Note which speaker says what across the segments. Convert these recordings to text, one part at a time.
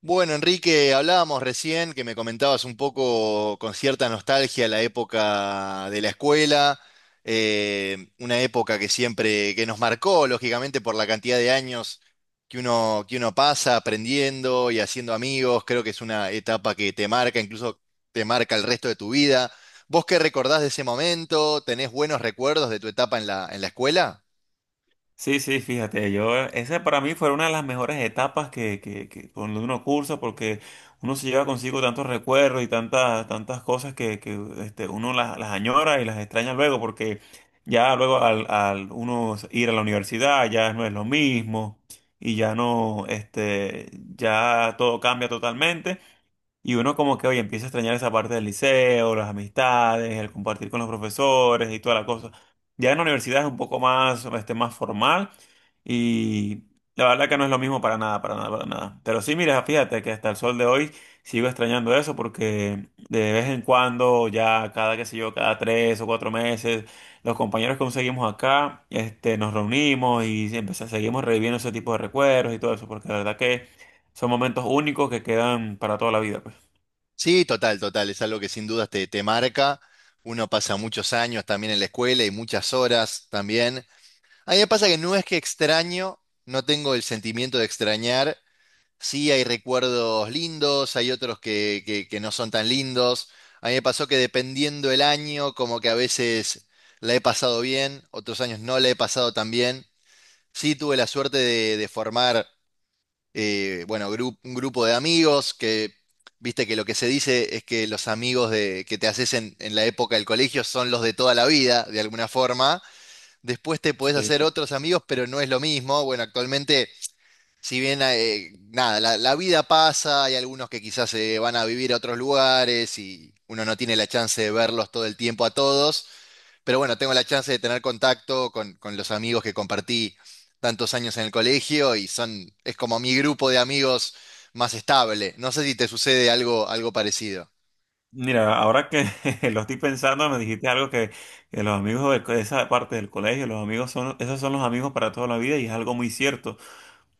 Speaker 1: Bueno, Enrique, hablábamos recién que me comentabas un poco con cierta nostalgia la época de la escuela, una época que siempre, que nos marcó, lógicamente, por la cantidad de años que uno pasa aprendiendo y haciendo amigos. Creo que es una etapa que te marca, incluso te marca el resto de tu vida. ¿Vos qué recordás de ese momento? ¿Tenés buenos recuerdos de tu etapa en la escuela?
Speaker 2: Sí, sí, fíjate, esa para mí fue una de las mejores etapas que cuando uno cursa, porque uno se lleva consigo tantos recuerdos y tantas cosas que uno las añora y las extraña luego, porque ya luego al uno ir a la universidad ya no es lo mismo y ya no, ya todo cambia totalmente. Y uno como que, oye, empieza a extrañar esa parte del liceo, las amistades, el compartir con los profesores y toda la cosa. Ya en la universidad es un poco más formal y la verdad que no es lo mismo para nada, para nada, para nada. Pero sí, mira, fíjate que hasta el sol de hoy sigo extrañando eso porque de vez en cuando, qué sé yo, cada 3 o 4 meses, los compañeros que conseguimos acá, nos reunimos y siempre seguimos reviviendo ese tipo de recuerdos y todo eso porque la verdad que son momentos únicos que quedan para toda la vida, pues.
Speaker 1: Sí, total, total. Es algo que sin dudas te, te marca. Uno pasa muchos años también en la escuela y muchas horas también. A mí me pasa que no es que extraño, no tengo el sentimiento de extrañar. Sí, hay recuerdos lindos, hay otros que no son tan lindos. A mí me pasó que dependiendo el año, como que a veces la he pasado bien, otros años no la he pasado tan bien. Sí, tuve la suerte de formar bueno, un grupo de amigos que, viste que lo que se dice es que los amigos de, que te haces en la época del colegio son los de toda la vida, de alguna forma. Después te podés
Speaker 2: Sí.
Speaker 1: hacer otros amigos, pero no es lo mismo. Bueno, actualmente, si bien, nada, la vida pasa, hay algunos que quizás se van a vivir a otros lugares y uno no tiene la chance de verlos todo el tiempo a todos. Pero bueno, tengo la chance de tener contacto con los amigos que compartí tantos años en el colegio y son, es como mi grupo de amigos más estable. No sé si te sucede algo, algo parecido.
Speaker 2: Mira, ahora que lo estoy pensando, me dijiste algo que los amigos de esa parte del colegio, los amigos son, esos son los amigos para toda la vida y es algo muy cierto.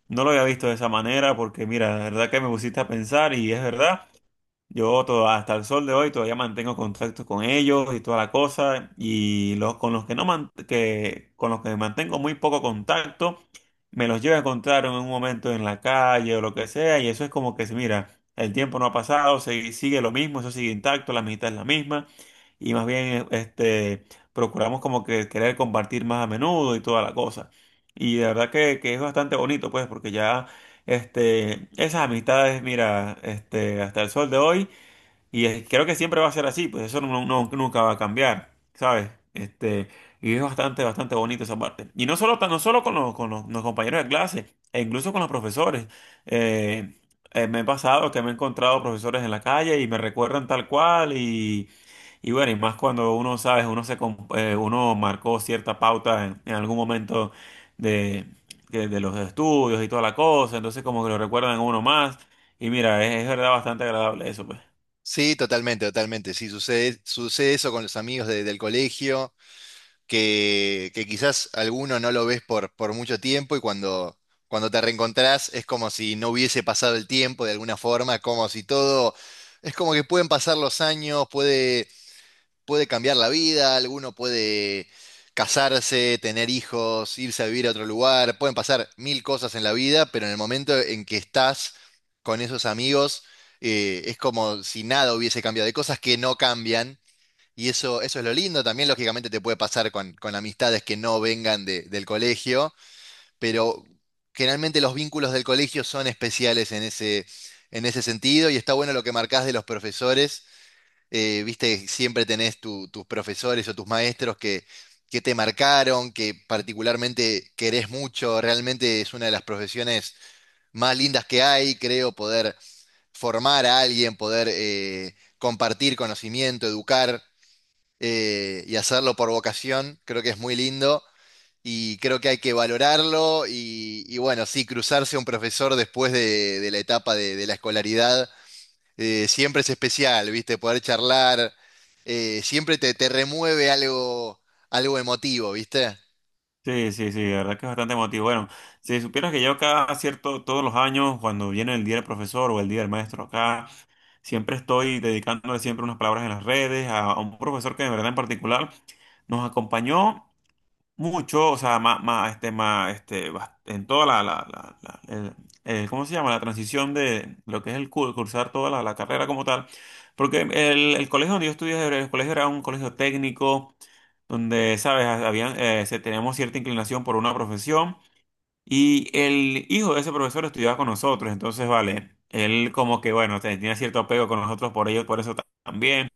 Speaker 2: No lo había visto de esa manera porque, mira, la verdad que me pusiste a pensar y es verdad. Yo todo, hasta el sol de hoy todavía mantengo contacto con ellos y toda la cosa. Y los con los que no man- que, con los que mantengo muy poco contacto, me los llevo a encontrar en un momento en la calle o lo que sea. Y eso es como que, mira, el tiempo no ha pasado, sigue lo mismo, eso sigue intacto, la amistad es la misma. Y más bien, procuramos como que querer compartir más a menudo y toda la cosa. Y de verdad que es bastante bonito, pues, porque ya, esas amistades, mira, hasta el sol de hoy. Y creo que siempre va a ser así, pues eso no, no, nunca va a cambiar, ¿sabes? Y es bastante, bastante bonito esa parte. Y no solo, no solo con los compañeros de clase, e incluso con los profesores. Eh, Me he pasado que me he encontrado profesores en la calle y me recuerdan tal cual y bueno, y más cuando uno, ¿sabes? Uno marcó cierta pauta en algún momento de, de los estudios y toda la cosa, entonces como que lo recuerdan a uno más. Y mira, es verdad bastante agradable eso, pues.
Speaker 1: Sí, totalmente, totalmente. Sí, sucede, sucede eso con los amigos del colegio, que quizás alguno no lo ves por mucho tiempo y cuando, cuando te reencontrás es como si no hubiese pasado el tiempo de alguna forma, como si todo, es como que pueden pasar los años, puede cambiar la vida, alguno puede casarse, tener hijos, irse a vivir a otro lugar, pueden pasar mil cosas en la vida, pero en el momento en que estás con esos amigos, es como si nada hubiese cambiado, hay cosas que no cambian. Y eso es lo lindo, también lógicamente te puede pasar con amistades que no vengan del colegio, pero generalmente los vínculos del colegio son especiales en ese sentido y está bueno lo que marcás de los profesores viste, siempre tenés tus profesores o tus maestros que te marcaron, que particularmente querés mucho, realmente es una de las profesiones más lindas que hay, creo, poder formar a alguien, poder compartir conocimiento, educar y hacerlo por vocación, creo que es muy lindo. Y creo que hay que valorarlo y bueno, sí, cruzarse a un profesor después de la etapa de la escolaridad siempre es especial, ¿viste? Poder charlar, siempre te, te remueve algo, algo emotivo, ¿viste?
Speaker 2: Sí, sí, sí, la verdad que es bastante emotivo. Bueno, si supieras que yo cada cierto, todos los años, cuando viene el Día del Profesor o el Día del Maestro acá, siempre estoy dedicándole siempre unas palabras en las redes a un profesor que de verdad en particular nos acompañó mucho, o sea, más, en toda la, ¿cómo se llama? La transición de lo que es cursar toda la carrera como tal. Porque el colegio donde yo estudié, el colegio era un colegio técnico donde, sabes, teníamos cierta inclinación por una profesión y el hijo de ese profesor estudiaba con nosotros, entonces, vale, él como que, bueno, tenía cierto apego con nosotros por ello, por eso también.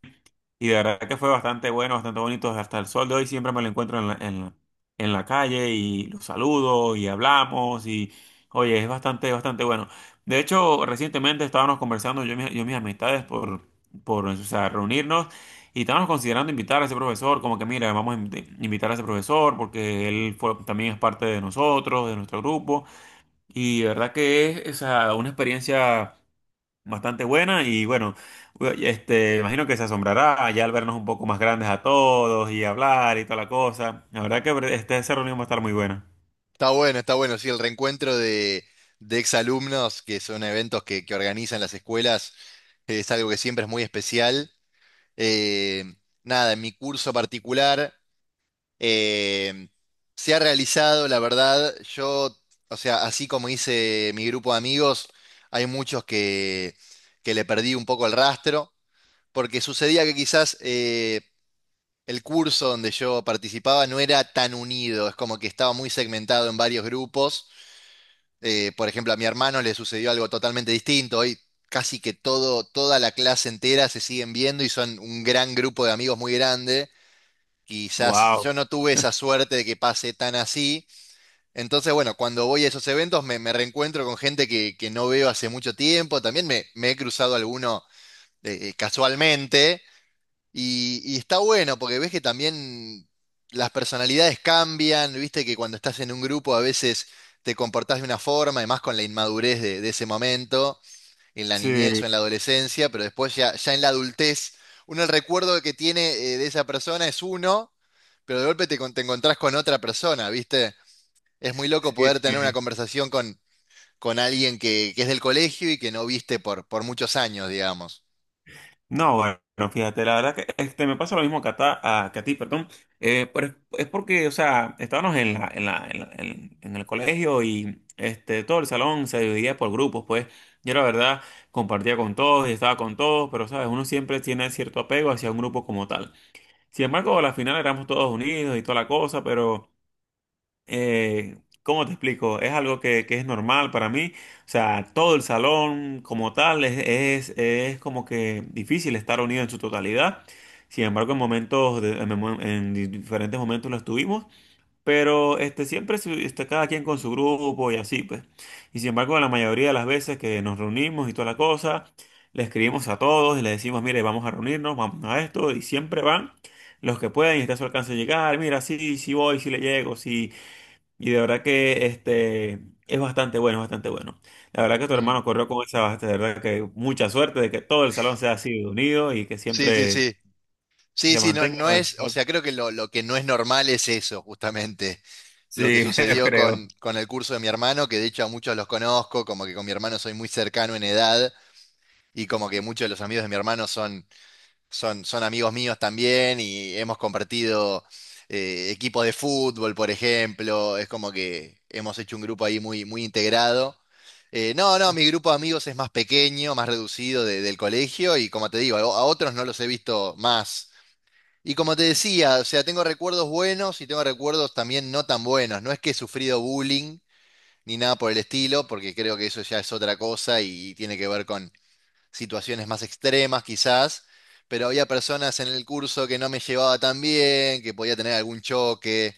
Speaker 2: Y de verdad que fue bastante bueno, bastante bonito. Hasta el sol de hoy siempre me lo encuentro en la calle y lo saludo y hablamos y oye, es bastante, bastante bueno. De hecho, recientemente estábamos conversando yo y mis amistades por, o sea, reunirnos y estábamos considerando invitar a ese profesor, como que mira, vamos a invitar a ese profesor porque él fue, también es parte de nosotros, de nuestro grupo. Y de verdad que o sea, una experiencia bastante buena y bueno, imagino que se asombrará ya al vernos un poco más grandes a todos y hablar y toda la cosa. La verdad que esa reunión va a estar muy buena.
Speaker 1: Está bueno, sí, el reencuentro de exalumnos, que son eventos que organizan las escuelas, es algo que siempre es muy especial. Eh, nada, en mi curso particular eh, se ha realizado, la verdad, yo, o sea, así como hice mi grupo de amigos, hay muchos que le perdí un poco el rastro. Porque sucedía que quizás el curso donde yo participaba no era tan unido, es como que estaba muy segmentado en varios grupos. Por ejemplo, a mi hermano le sucedió algo totalmente distinto. Hoy casi que todo, toda la clase entera se siguen viendo y son un gran grupo de amigos muy grande. Quizás
Speaker 2: Wow.
Speaker 1: yo no tuve esa suerte de que pase tan así. Entonces, bueno, cuando voy a esos eventos me, me reencuentro con gente que no veo hace mucho tiempo. También me he cruzado alguno casualmente. Y está bueno porque ves que también las personalidades cambian, viste que cuando estás en un grupo a veces te comportás de una forma, y más con la inmadurez de ese momento, en la niñez o
Speaker 2: Sí,
Speaker 1: en la adolescencia, pero después ya en la adultez, uno el recuerdo que tiene de esa persona es uno, pero de golpe te, te encontrás con otra persona, viste. Es muy loco
Speaker 2: sí,
Speaker 1: poder tener una
Speaker 2: sí.
Speaker 1: conversación con alguien que es del colegio y que no viste por muchos años, digamos.
Speaker 2: No, bueno, fíjate, la verdad que me pasa lo mismo que que a ti, perdón. Pero es porque, o sea, estábamos en el colegio y todo el salón se dividía por grupos, pues yo la verdad compartía con todos y estaba con todos, pero, ¿sabes? Uno siempre tiene cierto apego hacia un grupo como tal. Sin embargo, a la final éramos todos unidos y toda la cosa, pero eh, ¿cómo te explico? Es algo que es normal para mí. O sea, todo el salón como tal es como que difícil estar unido en su totalidad. Sin embargo, en momentos, de- en, mom- en di- diferentes momentos lo estuvimos. Pero siempre está cada quien con su grupo y así, pues. Y sin embargo, la mayoría de las veces que nos reunimos y toda la cosa, le escribimos a todos y le decimos, mire, vamos a reunirnos, vamos a esto, y siempre van los que pueden y está a su alcance llegar, mira, sí, sí voy, sí le llego, sí. Y de verdad que es bastante bueno, es bastante bueno. La verdad que tu
Speaker 1: Mm.
Speaker 2: hermano corrió con esa, de verdad que mucha suerte de que todo el salón sea así de unido y que
Speaker 1: Sí, sí,
Speaker 2: siempre
Speaker 1: sí. Sí,
Speaker 2: se
Speaker 1: sí, no,
Speaker 2: mantenga.
Speaker 1: no es, o sea, creo que lo que no es normal es eso, justamente, lo que
Speaker 2: Sí, yo
Speaker 1: sucedió
Speaker 2: creo.
Speaker 1: con el curso de mi hermano, que de hecho a muchos los conozco, como que con mi hermano soy muy cercano en edad, y como que muchos de los amigos de mi hermano son, son, son amigos míos también, y hemos compartido equipos de fútbol, por ejemplo, es como que hemos hecho un grupo ahí muy, muy integrado. No, no, mi grupo de amigos es más pequeño, más reducido del colegio, y como te digo, a otros no los he visto más. Y como te decía, o sea, tengo recuerdos buenos y tengo recuerdos también no tan buenos. No es que he sufrido bullying ni nada por el estilo, porque creo que eso ya es otra cosa y tiene que ver con situaciones más extremas quizás, pero había personas en el curso que no me llevaba tan bien, que podía tener algún choque.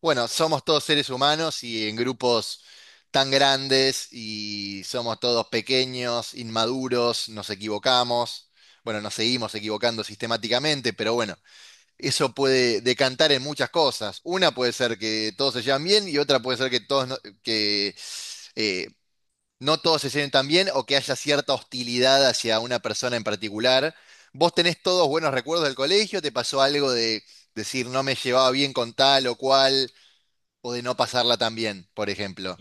Speaker 1: Bueno, somos todos seres humanos y en grupos tan grandes y somos todos pequeños, inmaduros, nos equivocamos. Bueno, nos seguimos equivocando sistemáticamente, pero bueno eso puede decantar en muchas cosas. Una puede ser que todos se llevan bien y otra puede ser que todos no, que eh, no todos se lleven tan bien o que haya cierta hostilidad hacia una persona en particular. ¿Vos tenés todos buenos recuerdos del colegio? ¿Te pasó algo de decir no me llevaba bien con tal o cual o de no pasarla tan bien, por ejemplo?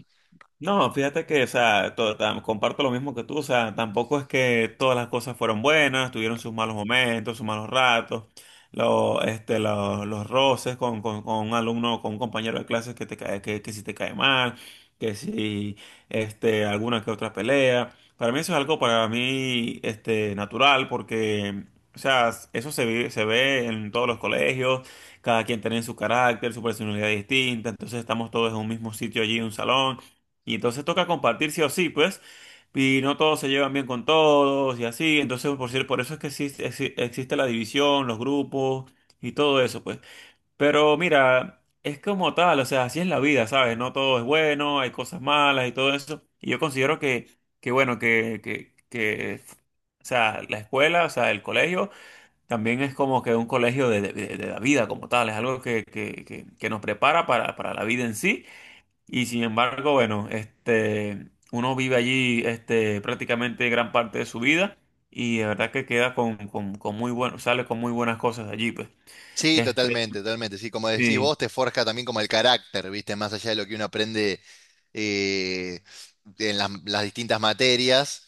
Speaker 2: No, fíjate que, o sea, comparto lo mismo que tú, o sea, tampoco es que todas las cosas fueron buenas, tuvieron sus malos momentos, sus malos ratos, los roces con un alumno, con un compañero de clases que te cae, que si te cae mal, que si, este, alguna que otra pelea. Para mí eso es algo para mí, natural, porque, o sea, eso se ve en todos los colegios, cada quien tiene su carácter, su personalidad distinta, entonces estamos todos en un mismo sitio allí, en un salón. Y entonces toca compartir sí o sí, pues. Y no todos se llevan bien con todos y así. Entonces, por cierto, por eso es que existe la división, los grupos y todo eso, pues. Pero mira, es como tal, o sea, así es la vida, ¿sabes? No todo es bueno, hay cosas malas y todo eso. Y yo considero que bueno, que, o sea, la escuela, o sea, el colegio, también es como que un colegio de la vida como tal. Es algo que nos prepara para la vida en sí. Y sin embargo, bueno, uno vive allí prácticamente gran parte de su vida y de verdad que queda con muy bueno, sale con muy buenas cosas de allí, pues.
Speaker 1: Sí,
Speaker 2: Este,
Speaker 1: totalmente, totalmente. Sí, como decís
Speaker 2: sí,
Speaker 1: vos, te forja también como el carácter, ¿viste? Más allá de lo que uno aprende eh, en las distintas materias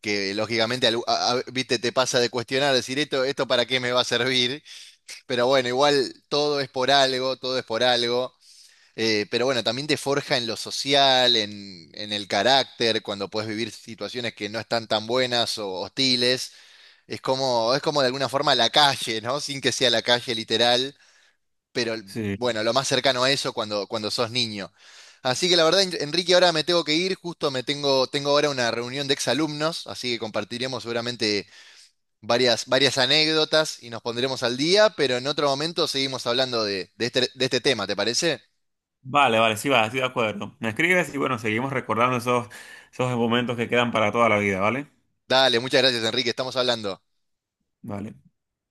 Speaker 1: que lógicamente, viste, te pasa de cuestionar, decir esto, esto para qué me va a servir, pero bueno, igual todo es por algo, todo es por algo, pero bueno, también te forja en lo social, en el carácter, cuando puedes vivir situaciones que no están tan buenas o hostiles, es como de alguna forma la calle, ¿no? Sin que sea la calle literal pero
Speaker 2: sí.
Speaker 1: bueno, lo más cercano a eso cuando, cuando sos niño. Así que la verdad, Enrique, ahora me tengo que ir, justo me tengo, tengo ahora una reunión de exalumnos, así que compartiremos seguramente varias, varias anécdotas y nos pondremos al día, pero en otro momento seguimos hablando de este tema, ¿te parece?
Speaker 2: Vale, vale, sí, va, estoy de acuerdo. Me escribes y bueno, seguimos recordando esos momentos que quedan para toda la vida, ¿vale?
Speaker 1: Dale, muchas gracias, Enrique, estamos hablando.
Speaker 2: Vale.